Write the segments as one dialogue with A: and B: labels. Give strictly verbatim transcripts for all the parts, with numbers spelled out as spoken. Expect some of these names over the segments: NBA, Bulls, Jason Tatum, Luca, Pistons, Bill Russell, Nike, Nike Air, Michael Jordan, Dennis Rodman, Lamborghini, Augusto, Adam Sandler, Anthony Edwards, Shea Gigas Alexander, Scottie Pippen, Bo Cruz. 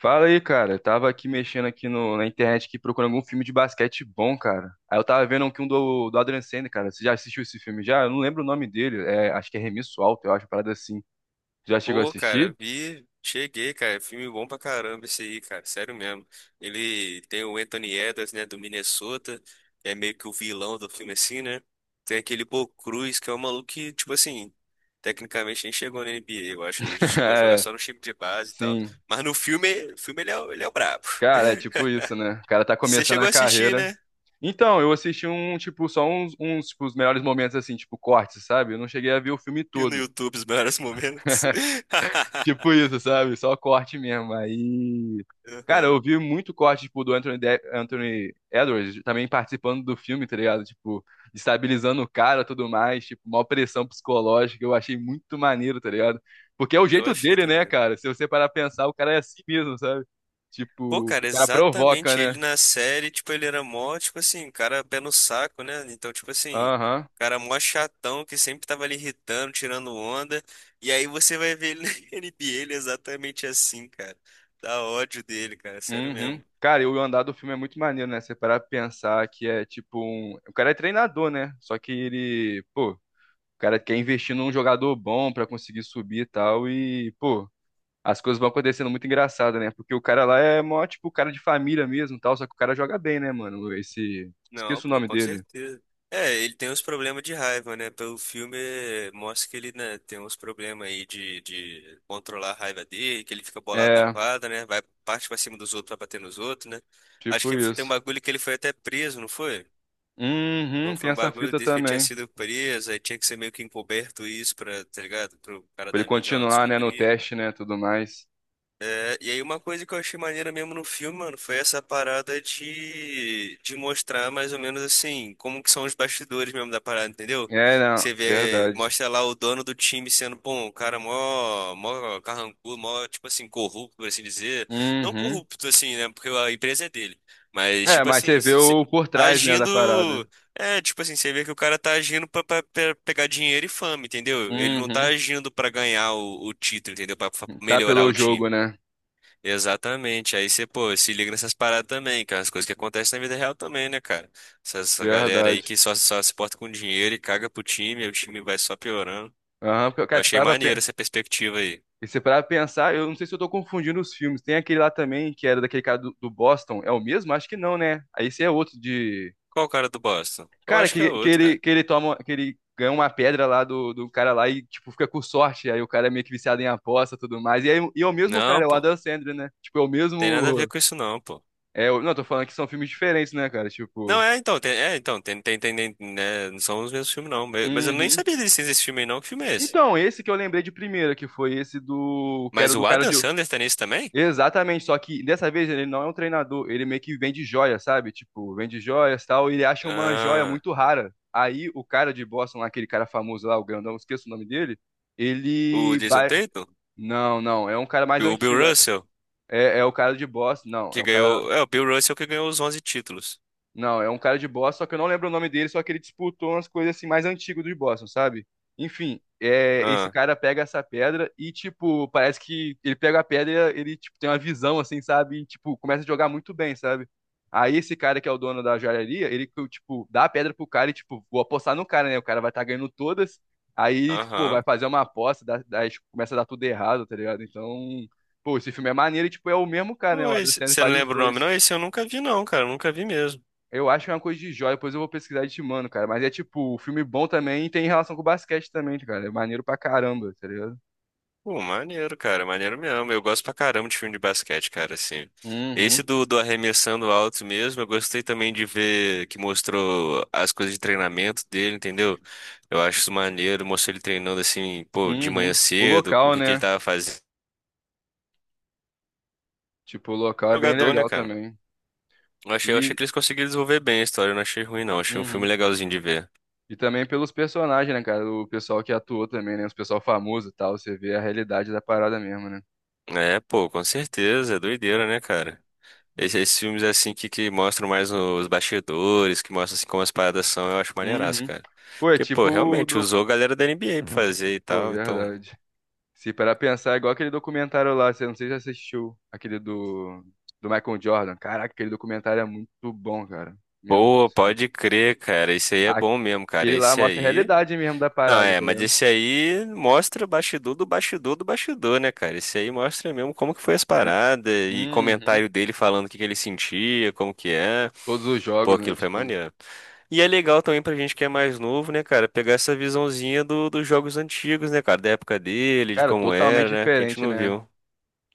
A: Fala aí, cara. Eu tava aqui mexendo aqui no- na internet aqui procurando algum filme de basquete bom, cara. Aí eu tava vendo aqui um do, do Adam Sandler, cara. Você já assistiu esse filme já? Eu não lembro o nome dele. É, acho que é Remisso Alto, eu acho, uma parada assim. Já chegou a
B: Pô, cara,
A: assistir?
B: vi, cheguei, cara. Filme bom pra caramba esse aí, cara. Sério mesmo. Ele tem o Anthony Edwards, né, do Minnesota, que é meio que o vilão do filme, assim, né? Tem aquele Bo Cruz, que é um maluco que, tipo assim, tecnicamente nem chegou na N B A, eu acho. Ele chegou a jogar
A: É,
B: só no time de base e tal.
A: sim.
B: Mas no filme, no filme ele é, o- ele é o brabo.
A: Cara, é tipo isso, né? O cara tá
B: Você
A: começando
B: chegou
A: a
B: a assistir,
A: carreira.
B: né?
A: Então, eu assisti um, tipo, só uns, uns, tipo, os melhores momentos, assim, tipo, cortes, sabe? Eu não cheguei a ver o filme
B: Viu no
A: todo.
B: YouTube os melhores momentos.
A: Tipo isso, sabe? Só corte mesmo. Aí. Cara,
B: Aham.
A: eu vi muito corte, tipo, do Anthony, De- Anthony Edwards também participando do filme, tá ligado? Tipo, estabilizando o cara e tudo mais, tipo, uma pressão psicológica. Eu achei muito maneiro, tá ligado? Porque é o
B: Eu
A: jeito
B: achei
A: dele, né,
B: também.
A: cara? Se você parar pra pensar, o cara é assim mesmo, sabe?
B: Pô,
A: Tipo, o
B: cara,
A: cara provoca,
B: exatamente
A: né?
B: ele na série, tipo, ele era mó, tipo assim, um cara pé no saco, né? Então, tipo assim,
A: Aham.
B: um cara mó chatão que sempre tava ali irritando, tirando onda. E aí você vai ver ele na N B A, ele é exatamente assim, cara. Dá ódio dele, cara, sério
A: Uhum.
B: mesmo.
A: Cara, e o andar do filme é muito maneiro, né? Você parar pra pensar que é tipo um. O cara é treinador, né? Só que ele, pô, o cara quer investir num jogador bom pra conseguir subir e tal. E, pô, as coisas vão acontecendo muito engraçada, né? Porque o cara lá é mó, tipo, cara de família mesmo, e tal, só que o cara joga bem, né, mano? Esse,
B: Não,
A: esqueço o
B: pô,
A: nome
B: com
A: dele.
B: certeza. É, ele tem uns problemas de raiva, né? Pelo filme eh, mostra que ele, né, tem uns problemas aí de, de controlar a raiva dele, que ele fica bolado na
A: É,
B: quadra, né? Vai parte pra cima dos outros, vai bater nos outros, né? Acho
A: tipo
B: que tem um
A: isso.
B: bagulho que ele foi até preso, não foi?
A: Uhum,
B: Não,
A: tem
B: foi um
A: essa
B: bagulho
A: fita
B: desse que ele tinha
A: também.
B: sido preso, aí tinha que ser meio que encoberto isso pra, tá ligado? Pro cara
A: Pra ele
B: da mídia lá não
A: continuar, né, no
B: descobrir.
A: teste, né, tudo mais.
B: É, e aí uma coisa que eu achei maneira mesmo no filme, mano, foi essa parada de, de mostrar mais ou menos assim, como que são os bastidores mesmo da parada, entendeu?
A: É, não,
B: Você vê,
A: verdade.
B: mostra lá o dono do time sendo, pô, um cara mó, mó carrancudo, mó, tipo assim, corrupto, por assim dizer. Não
A: Uhum.
B: corrupto, assim, né, porque a empresa é dele. Mas,
A: É,
B: tipo
A: mas você
B: assim,
A: vê
B: se-
A: o por trás, né, da
B: agindo.
A: parada.
B: É, tipo assim, você vê que o cara tá agindo pra, pra- pra pegar dinheiro e fama, entendeu? Ele não tá
A: Uhum.
B: agindo pra ganhar o, o título, entendeu? Pra, pra
A: Tá
B: melhorar
A: pelo
B: o
A: jogo,
B: time.
A: né?
B: Exatamente. Aí você, pô, se liga nessas paradas também, cara. As coisas que acontecem na vida real também, né, cara? Essa, essa galera aí que
A: Verdade.
B: só, só se porta com dinheiro e caga pro time, aí o time vai só piorando.
A: Aham, porque,
B: Eu
A: cara, você
B: achei
A: tava.
B: maneiro essa perspectiva aí.
A: E se parar pra pensar, eu não sei se eu tô confundindo os filmes. Tem aquele lá também, que era daquele cara do, do Boston. É o mesmo? Acho que não, né? Aí esse é outro de.
B: Qual o cara do Boston? Eu
A: Cara,
B: acho que é
A: que, que
B: outro,
A: ele,
B: cara.
A: que ele toma. Que ele ganha uma pedra lá do, do cara lá e, tipo, fica com sorte. Aí o cara é meio que viciado em aposta e tudo mais. E, aí, e é o mesmo
B: Não,
A: cara, é o
B: pô.
A: Adam Sandler, né? Tipo, é o
B: Tem nada a ver
A: mesmo.
B: com isso, não, pô.
A: É, o- não, tô falando que são filmes diferentes, né, cara?
B: Não,
A: Tipo.
B: é, então, tem, é, então, tem, tem, tem, tem- né, não são os mesmos filmes, não. Mas mas eu nem
A: Uhum.
B: sabia da existência desse filme aí, não. Que filme é esse?
A: Então, esse que eu lembrei de primeira, que foi esse do. Que
B: Mas
A: era do
B: o
A: cara
B: Adam
A: de.
B: Sandler tá nisso também?
A: Exatamente, só que dessa vez ele não é um treinador, ele meio que vende joia, sabe? Tipo, vende joias e tal, e ele acha uma joia
B: Ah,
A: muito rara. Aí o cara de Boston, lá, aquele cara famoso lá, o grandão, esqueço o nome dele,
B: o
A: ele
B: Jason
A: vai.
B: Tatum?
A: Não, não, é um cara mais
B: O Bill
A: antigo. É,
B: Russell?
A: é é o cara de Boston, não,
B: Que
A: é um cara.
B: ganhou. É, o Bill Russell que ganhou os onze títulos.
A: Não, é um cara de Boston, só que eu não lembro o nome dele, só que ele disputou umas coisas assim mais antigas do Boston, sabe? Enfim, é, esse
B: Ah,
A: cara pega essa pedra e, tipo, parece que ele pega a pedra e ele, tipo, tem uma visão, assim, sabe? E, tipo, começa a jogar muito bem, sabe? Aí esse cara que é o dono da joalheria, ele, tipo, dá a pedra pro cara e, tipo, vou apostar no cara, né? O cara vai estar ganhando todas, aí, tipo, vai
B: aham.
A: fazer uma aposta, dá, dá- tipo, começa a dar tudo errado, tá ligado? Então, pô, esse filme é maneiro e, tipo, é o mesmo cara, né? O Adam
B: Pois,
A: Sandler
B: você não
A: faz os
B: lembra o nome, não?
A: dois.
B: Esse eu nunca vi, não, cara. Eu nunca vi mesmo.
A: Eu acho que é uma coisa de joia, depois eu vou pesquisar e te mando, cara. Mas é tipo, o filme bom também tem relação com o basquete também, cara. É maneiro pra caramba, tá ligado?
B: Pô, maneiro, cara. Maneiro mesmo. Eu gosto pra caramba de filme de basquete, cara, assim. Esse
A: Uhum,
B: do, do arremessando alto mesmo, eu gostei também de ver que mostrou as coisas de treinamento dele, entendeu? Eu acho isso maneiro, mostrou ele treinando assim, pô, de manhã
A: uhum. O
B: cedo, o
A: local,
B: que que ele
A: né?
B: tava fazendo.
A: Tipo, o local é bem
B: Jogador, né,
A: legal
B: cara?
A: também.
B: Eu achei, eu achei
A: E,
B: que eles conseguiram desenvolver bem a história, eu não achei ruim, não. Achei um filme
A: uhum.
B: legalzinho de ver.
A: E também pelos personagens, né, cara? O pessoal que atuou também, né? Os pessoal famoso e tal. Você vê a realidade da parada mesmo, né?
B: É, pô, com certeza, é doideira, né, cara? Esses, esses filmes assim que, que mostram mais os bastidores, que mostram assim como as paradas são, eu acho maneiraço,
A: Uhum.
B: cara.
A: Pô, é
B: Porque,
A: tipo
B: pô,
A: o
B: realmente
A: do.
B: usou a galera da N B A pra fazer e
A: Pô,
B: tal, então.
A: verdade. Se parar pra pensar, é igual aquele documentário lá, você não sei se você assistiu, aquele do, do Michael Jordan. Caraca, aquele documentário é muito bom, cara. Meu Deus do
B: Pô,
A: céu.
B: pode crer, cara. Esse aí é bom mesmo, cara.
A: Aquele lá
B: Esse
A: mostra a
B: aí.
A: realidade mesmo da
B: Não,
A: parada,
B: é,
A: tá
B: mas
A: vendo?
B: esse aí mostra o bastidor do bastidor do bastidor, né, cara? Esse aí mostra mesmo como que foi as paradas e
A: Uhum.
B: comentário dele falando o que que ele sentia, como que é.
A: Todos os
B: Pô,
A: jogos, né?
B: aquilo foi
A: Tipo,
B: maneiro. E é legal também pra gente que é mais novo, né, cara, pegar essa visãozinha do, dos jogos antigos, né, cara, da época dele, de
A: cara,
B: como
A: totalmente
B: era, né, que a gente
A: diferente,
B: não
A: né?
B: viu.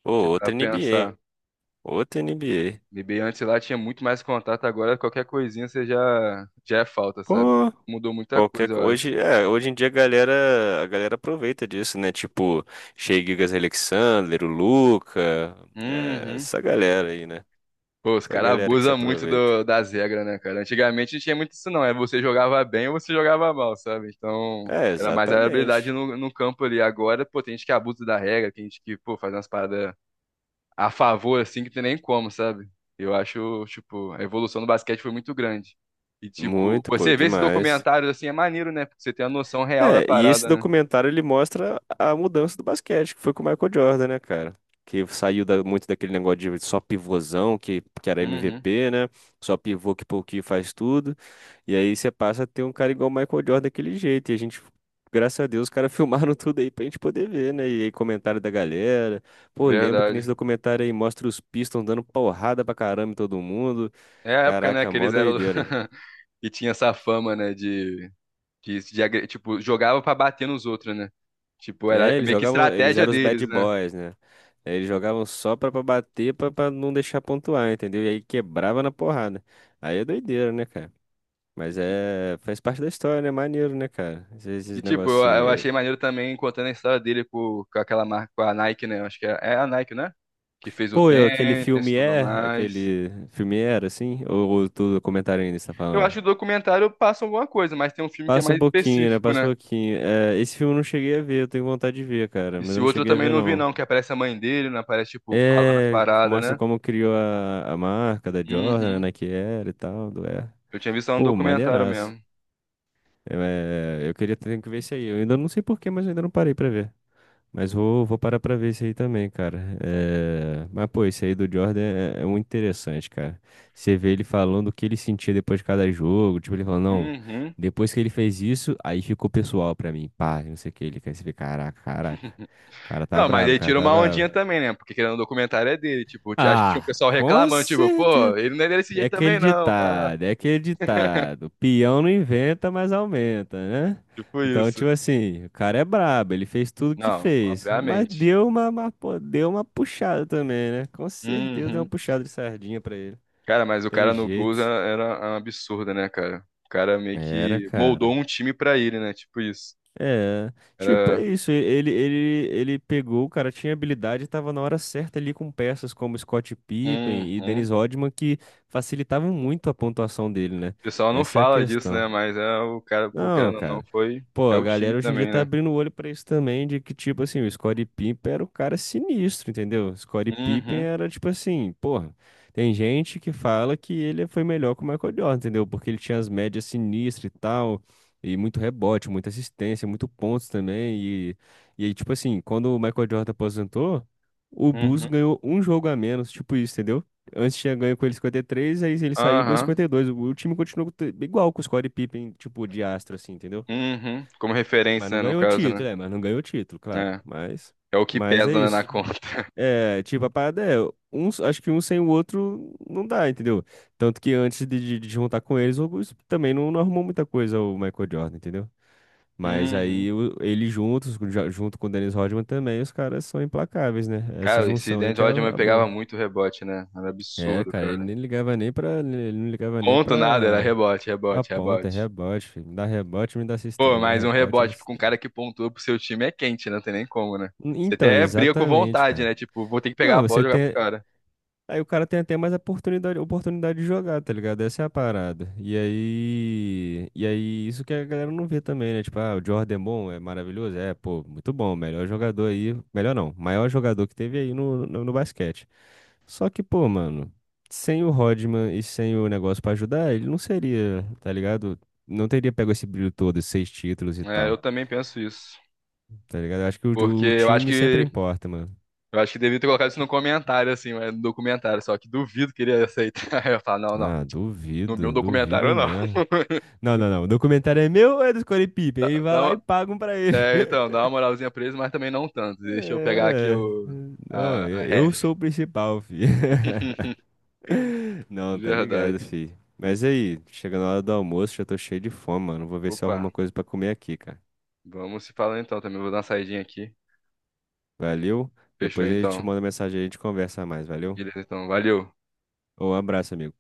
B: Pô,
A: Você pra
B: outra
A: pensar.
B: N B A, outra N B A.
A: N B A antes lá tinha muito mais contato, agora qualquer coisinha você já, já é falta, sabe?
B: Pô.
A: Mudou muita
B: Qualquer
A: coisa,
B: co-
A: eu acho.
B: hoje, é, hoje em dia a galera, a galera aproveita disso, né? Tipo, Shea Gigas Alexander, o Luca, é,
A: Uhum.
B: essa galera aí, né?
A: Pô, os
B: Essa
A: caras
B: galera que se
A: abusam muito
B: aproveita.
A: do- das regras, né, cara? Antigamente não tinha muito isso, não. É você jogava bem ou você jogava mal, sabe? Então,
B: É,
A: era mais a habilidade
B: exatamente.
A: no, no campo ali. Agora, pô, tem gente que abusa da regra, tem gente que, pô, faz umas paradas a favor, assim, que tem nem como, sabe? Eu acho, tipo, a evolução do basquete foi muito grande. E, tipo,
B: Muito, pô,
A: você vê esses
B: demais.
A: documentários, assim, é maneiro, né? Porque você tem a noção real da
B: É, e esse
A: parada, né?
B: documentário ele mostra a mudança do basquete, que foi com o Michael Jordan, né, cara? Que saiu da- muito daquele negócio de só pivôzão, que, que era
A: Uhum,
B: M V P, né? Só pivô que pouquinho faz tudo. E aí você passa a ter um cara igual o Michael Jordan daquele jeito. E a gente, graças a Deus, os caras filmaram tudo aí pra gente poder ver, né? E aí comentário da galera. Pô, lembro que nesse
A: verdade.
B: documentário aí mostra os Pistons dando porrada pra caramba em todo mundo.
A: É a época, né,
B: Caraca,
A: que
B: mó
A: eles eram...
B: doideira.
A: que tinha essa fama, né, de... que de agre- tipo, jogava pra bater nos outros, né? Tipo, era
B: É, eles
A: meio que
B: jogavam, eles
A: estratégia
B: eram os bad
A: deles, né?
B: boys, né? Eles jogavam só pra, pra bater, pra, pra não deixar pontuar, entendeu? E aí quebrava na porrada. Aí é doideira, né, cara? Mas é, faz parte da história, né? Maneiro, né, cara? Esses,
A: E,
B: esses
A: tipo, eu, eu
B: negocinhos.
A: achei
B: É.
A: maneiro também contando a história dele com, com aquela marca, com a Nike, né? Eu acho que é, é a Nike, né? Que fez o
B: Pô, eu, aquele
A: tênis
B: filme
A: tudo
B: é,
A: mais.
B: aquele filme era, assim? Ou, ou tu comentário ainda está
A: Eu acho
B: falando?
A: que o documentário passa alguma coisa, mas tem um filme que é
B: Passa um
A: mais
B: pouquinho, né?
A: específico,
B: Passa um
A: né?
B: pouquinho. É, esse filme eu não cheguei a ver, eu tenho vontade de ver, cara, mas
A: Esse
B: eu não
A: outro eu
B: cheguei a
A: também
B: ver,
A: não vi,
B: não.
A: não, que aparece a mãe dele, né? Aparece, tipo, falando as
B: É,
A: paradas,
B: mostra
A: né?
B: como criou a, a marca da Jordan, a
A: Uhum.
B: Nike Air e tal, do Air.
A: Eu tinha visto só no
B: Pô,
A: documentário
B: maneiraço.
A: mesmo.
B: Eu, É, eu queria ter que ver isso aí. Eu ainda não sei porquê, mas eu ainda não parei pra ver. Mas vou, vou parar pra ver isso aí também, cara. É, mas, pô, isso aí do Jordan é, é muito interessante, cara. Você vê ele falando o que ele sentia depois de cada jogo. Tipo, ele falou, não,
A: Uhum.
B: depois que ele fez isso, aí ficou pessoal pra mim. Pá, não sei o que. Ele quer se ver, caraca, caraca. O cara tá
A: Não, mas
B: bravo, o
A: ele
B: cara
A: tira
B: tá
A: uma
B: bravo.
A: ondinha também, né? Porque querendo o documentário é dele, tipo, t- acho que tinha um
B: Ah,
A: pessoal
B: com
A: reclamando, tipo, pô,
B: certeza.
A: ele não é desse
B: É
A: jeito
B: aquele
A: também não, pá.
B: ditado, é aquele ditado. Peão não inventa, mas aumenta, né?
A: Tipo
B: Então,
A: isso.
B: tipo assim, o cara é brabo, ele fez tudo que
A: Não,
B: fez, mas
A: obviamente.
B: deu uma, uma, pô, deu uma puxada também, né? Com certeza deu uma
A: Uhum.
B: puxada de sardinha pra ele.
A: Cara, mas o
B: Tem
A: cara no
B: jeito.
A: Bulls era, era um absurdo, né, cara? O cara meio
B: Era,
A: que moldou
B: cara.
A: um time pra ele, né? Tipo isso.
B: É, tipo, é
A: Era.
B: isso. Ele, ele, ele pegou, o cara tinha habilidade e tava na hora certa ali com peças como Scott
A: Uhum.
B: Pippen e
A: O
B: Dennis Rodman que facilitavam muito a pontuação dele, né?
A: pessoal não
B: Essa é a
A: fala disso, né?
B: questão.
A: Mas é o cara, pô,
B: Não,
A: querendo ou não,
B: cara.
A: foi.
B: Pô,
A: É
B: a
A: o time
B: galera hoje em dia
A: também,
B: tá
A: né?
B: abrindo o olho pra isso também, de que, tipo assim, o Scottie Pippen era o cara sinistro, entendeu? O Scottie Pippen
A: Uhum.
B: era, tipo assim, porra, tem gente que fala que ele foi melhor que o Michael Jordan, entendeu? Porque ele tinha as médias sinistras e tal, e muito rebote, muita assistência, muito pontos também, e, e aí, tipo assim, quando o Michael Jordan aposentou, o Bulls
A: Uhum.
B: ganhou um jogo a menos, tipo isso, entendeu? Antes tinha ganho com ele cinquenta e três, aí ele saiu e ganhou
A: Aham.
B: cinquenta e dois. O o time continuou te- igual com o Scottie Pippen, tipo, de astro, assim, entendeu?
A: Uhum. Como
B: Mas não
A: referência, né, no
B: ganhou
A: caso, né?
B: título, é, mas não ganhou título, claro.
A: É.
B: Mas,
A: É o que
B: mas é
A: pesa, né, na
B: isso.
A: conta.
B: É, tipo, a parada é, um, acho que um sem o outro não dá, entendeu? Tanto que antes de, de, de juntar com eles, o Augusto também não, não arrumou muita coisa o Michael Jordan, entendeu? Mas
A: Uhum.
B: aí o- ele juntos, já- junto com o Dennis Rodman também, os caras são implacáveis, né? Essa
A: Cara, esse
B: junção aí
A: Dennis
B: que é a
A: Rodman
B: a
A: pegava
B: boa.
A: muito rebote, né? Era
B: É,
A: absurdo,
B: cara, ele
A: cara.
B: nem ligava nem pra. Ele não ligava nem
A: Ponto nada, era
B: pra.
A: rebote,
B: A
A: rebote,
B: ponta, é
A: rebote.
B: rebote, filho. Me dá rebote, me dá
A: Pô,
B: assistência. Me dá
A: mas um
B: rebote, me dá
A: rebote com um
B: assistência.
A: cara que pontua pro seu time é quente, né? Não tem nem como, né?
B: N-
A: Você
B: Então,
A: até briga com
B: exatamente,
A: vontade,
B: cara.
A: né? Tipo, vou ter que pegar
B: Mano,
A: a bola e
B: você
A: jogar pro
B: tem.
A: cara.
B: Aí o cara tem até mais oportunidade, oportunidade de jogar, tá ligado? Essa é a parada. E aí, e aí isso que a galera não vê também, né? Tipo, ah, o Jordan é bom, é maravilhoso, é, pô, muito bom, melhor jogador aí, melhor não, maior jogador que teve aí no, no, no basquete. Só que, pô, mano, sem o Rodman e sem o negócio pra ajudar, ele não seria, tá ligado? Não teria pego esse brilho todo, esses seis títulos e
A: É, eu
B: tal,
A: também penso isso.
B: tá ligado? Eu acho que
A: Porque
B: o, o
A: eu acho
B: time sempre
A: que
B: importa, mano.
A: eu acho que devia ter colocado isso no comentário, assim, mas no documentário, só que duvido que ele ia aceitar. Eu falo, não, não.
B: Ah,
A: No
B: duvido,
A: meu
B: duvido
A: documentário, não.
B: mesmo. Não, não, não. O documentário é meu ou é do Scottie Pippen?
A: Dá,
B: Ele vai lá e
A: dá,
B: pagam pra ele.
A: é, então, dá uma moralzinha pra eles, mas também não tanto. Deixa eu pegar aqui
B: É,
A: o,
B: ué. Não,
A: a, a
B: eu eu sou
A: ref.
B: o principal, filho.
A: De
B: Não, tá ligado,
A: verdade.
B: filho. Mas aí, chegando a hora do almoço, já tô cheio de fome, mano. Vou ver se eu
A: Opa,
B: arrumo uma coisa pra comer aqui, cara.
A: vamos se falar então também. Vou dar uma saidinha aqui.
B: Valeu?
A: Fechou
B: Depois a gente te
A: então.
B: manda mensagem aí, a gente conversa mais, valeu?
A: Beleza, então. Valeu.
B: Um abraço, amigo.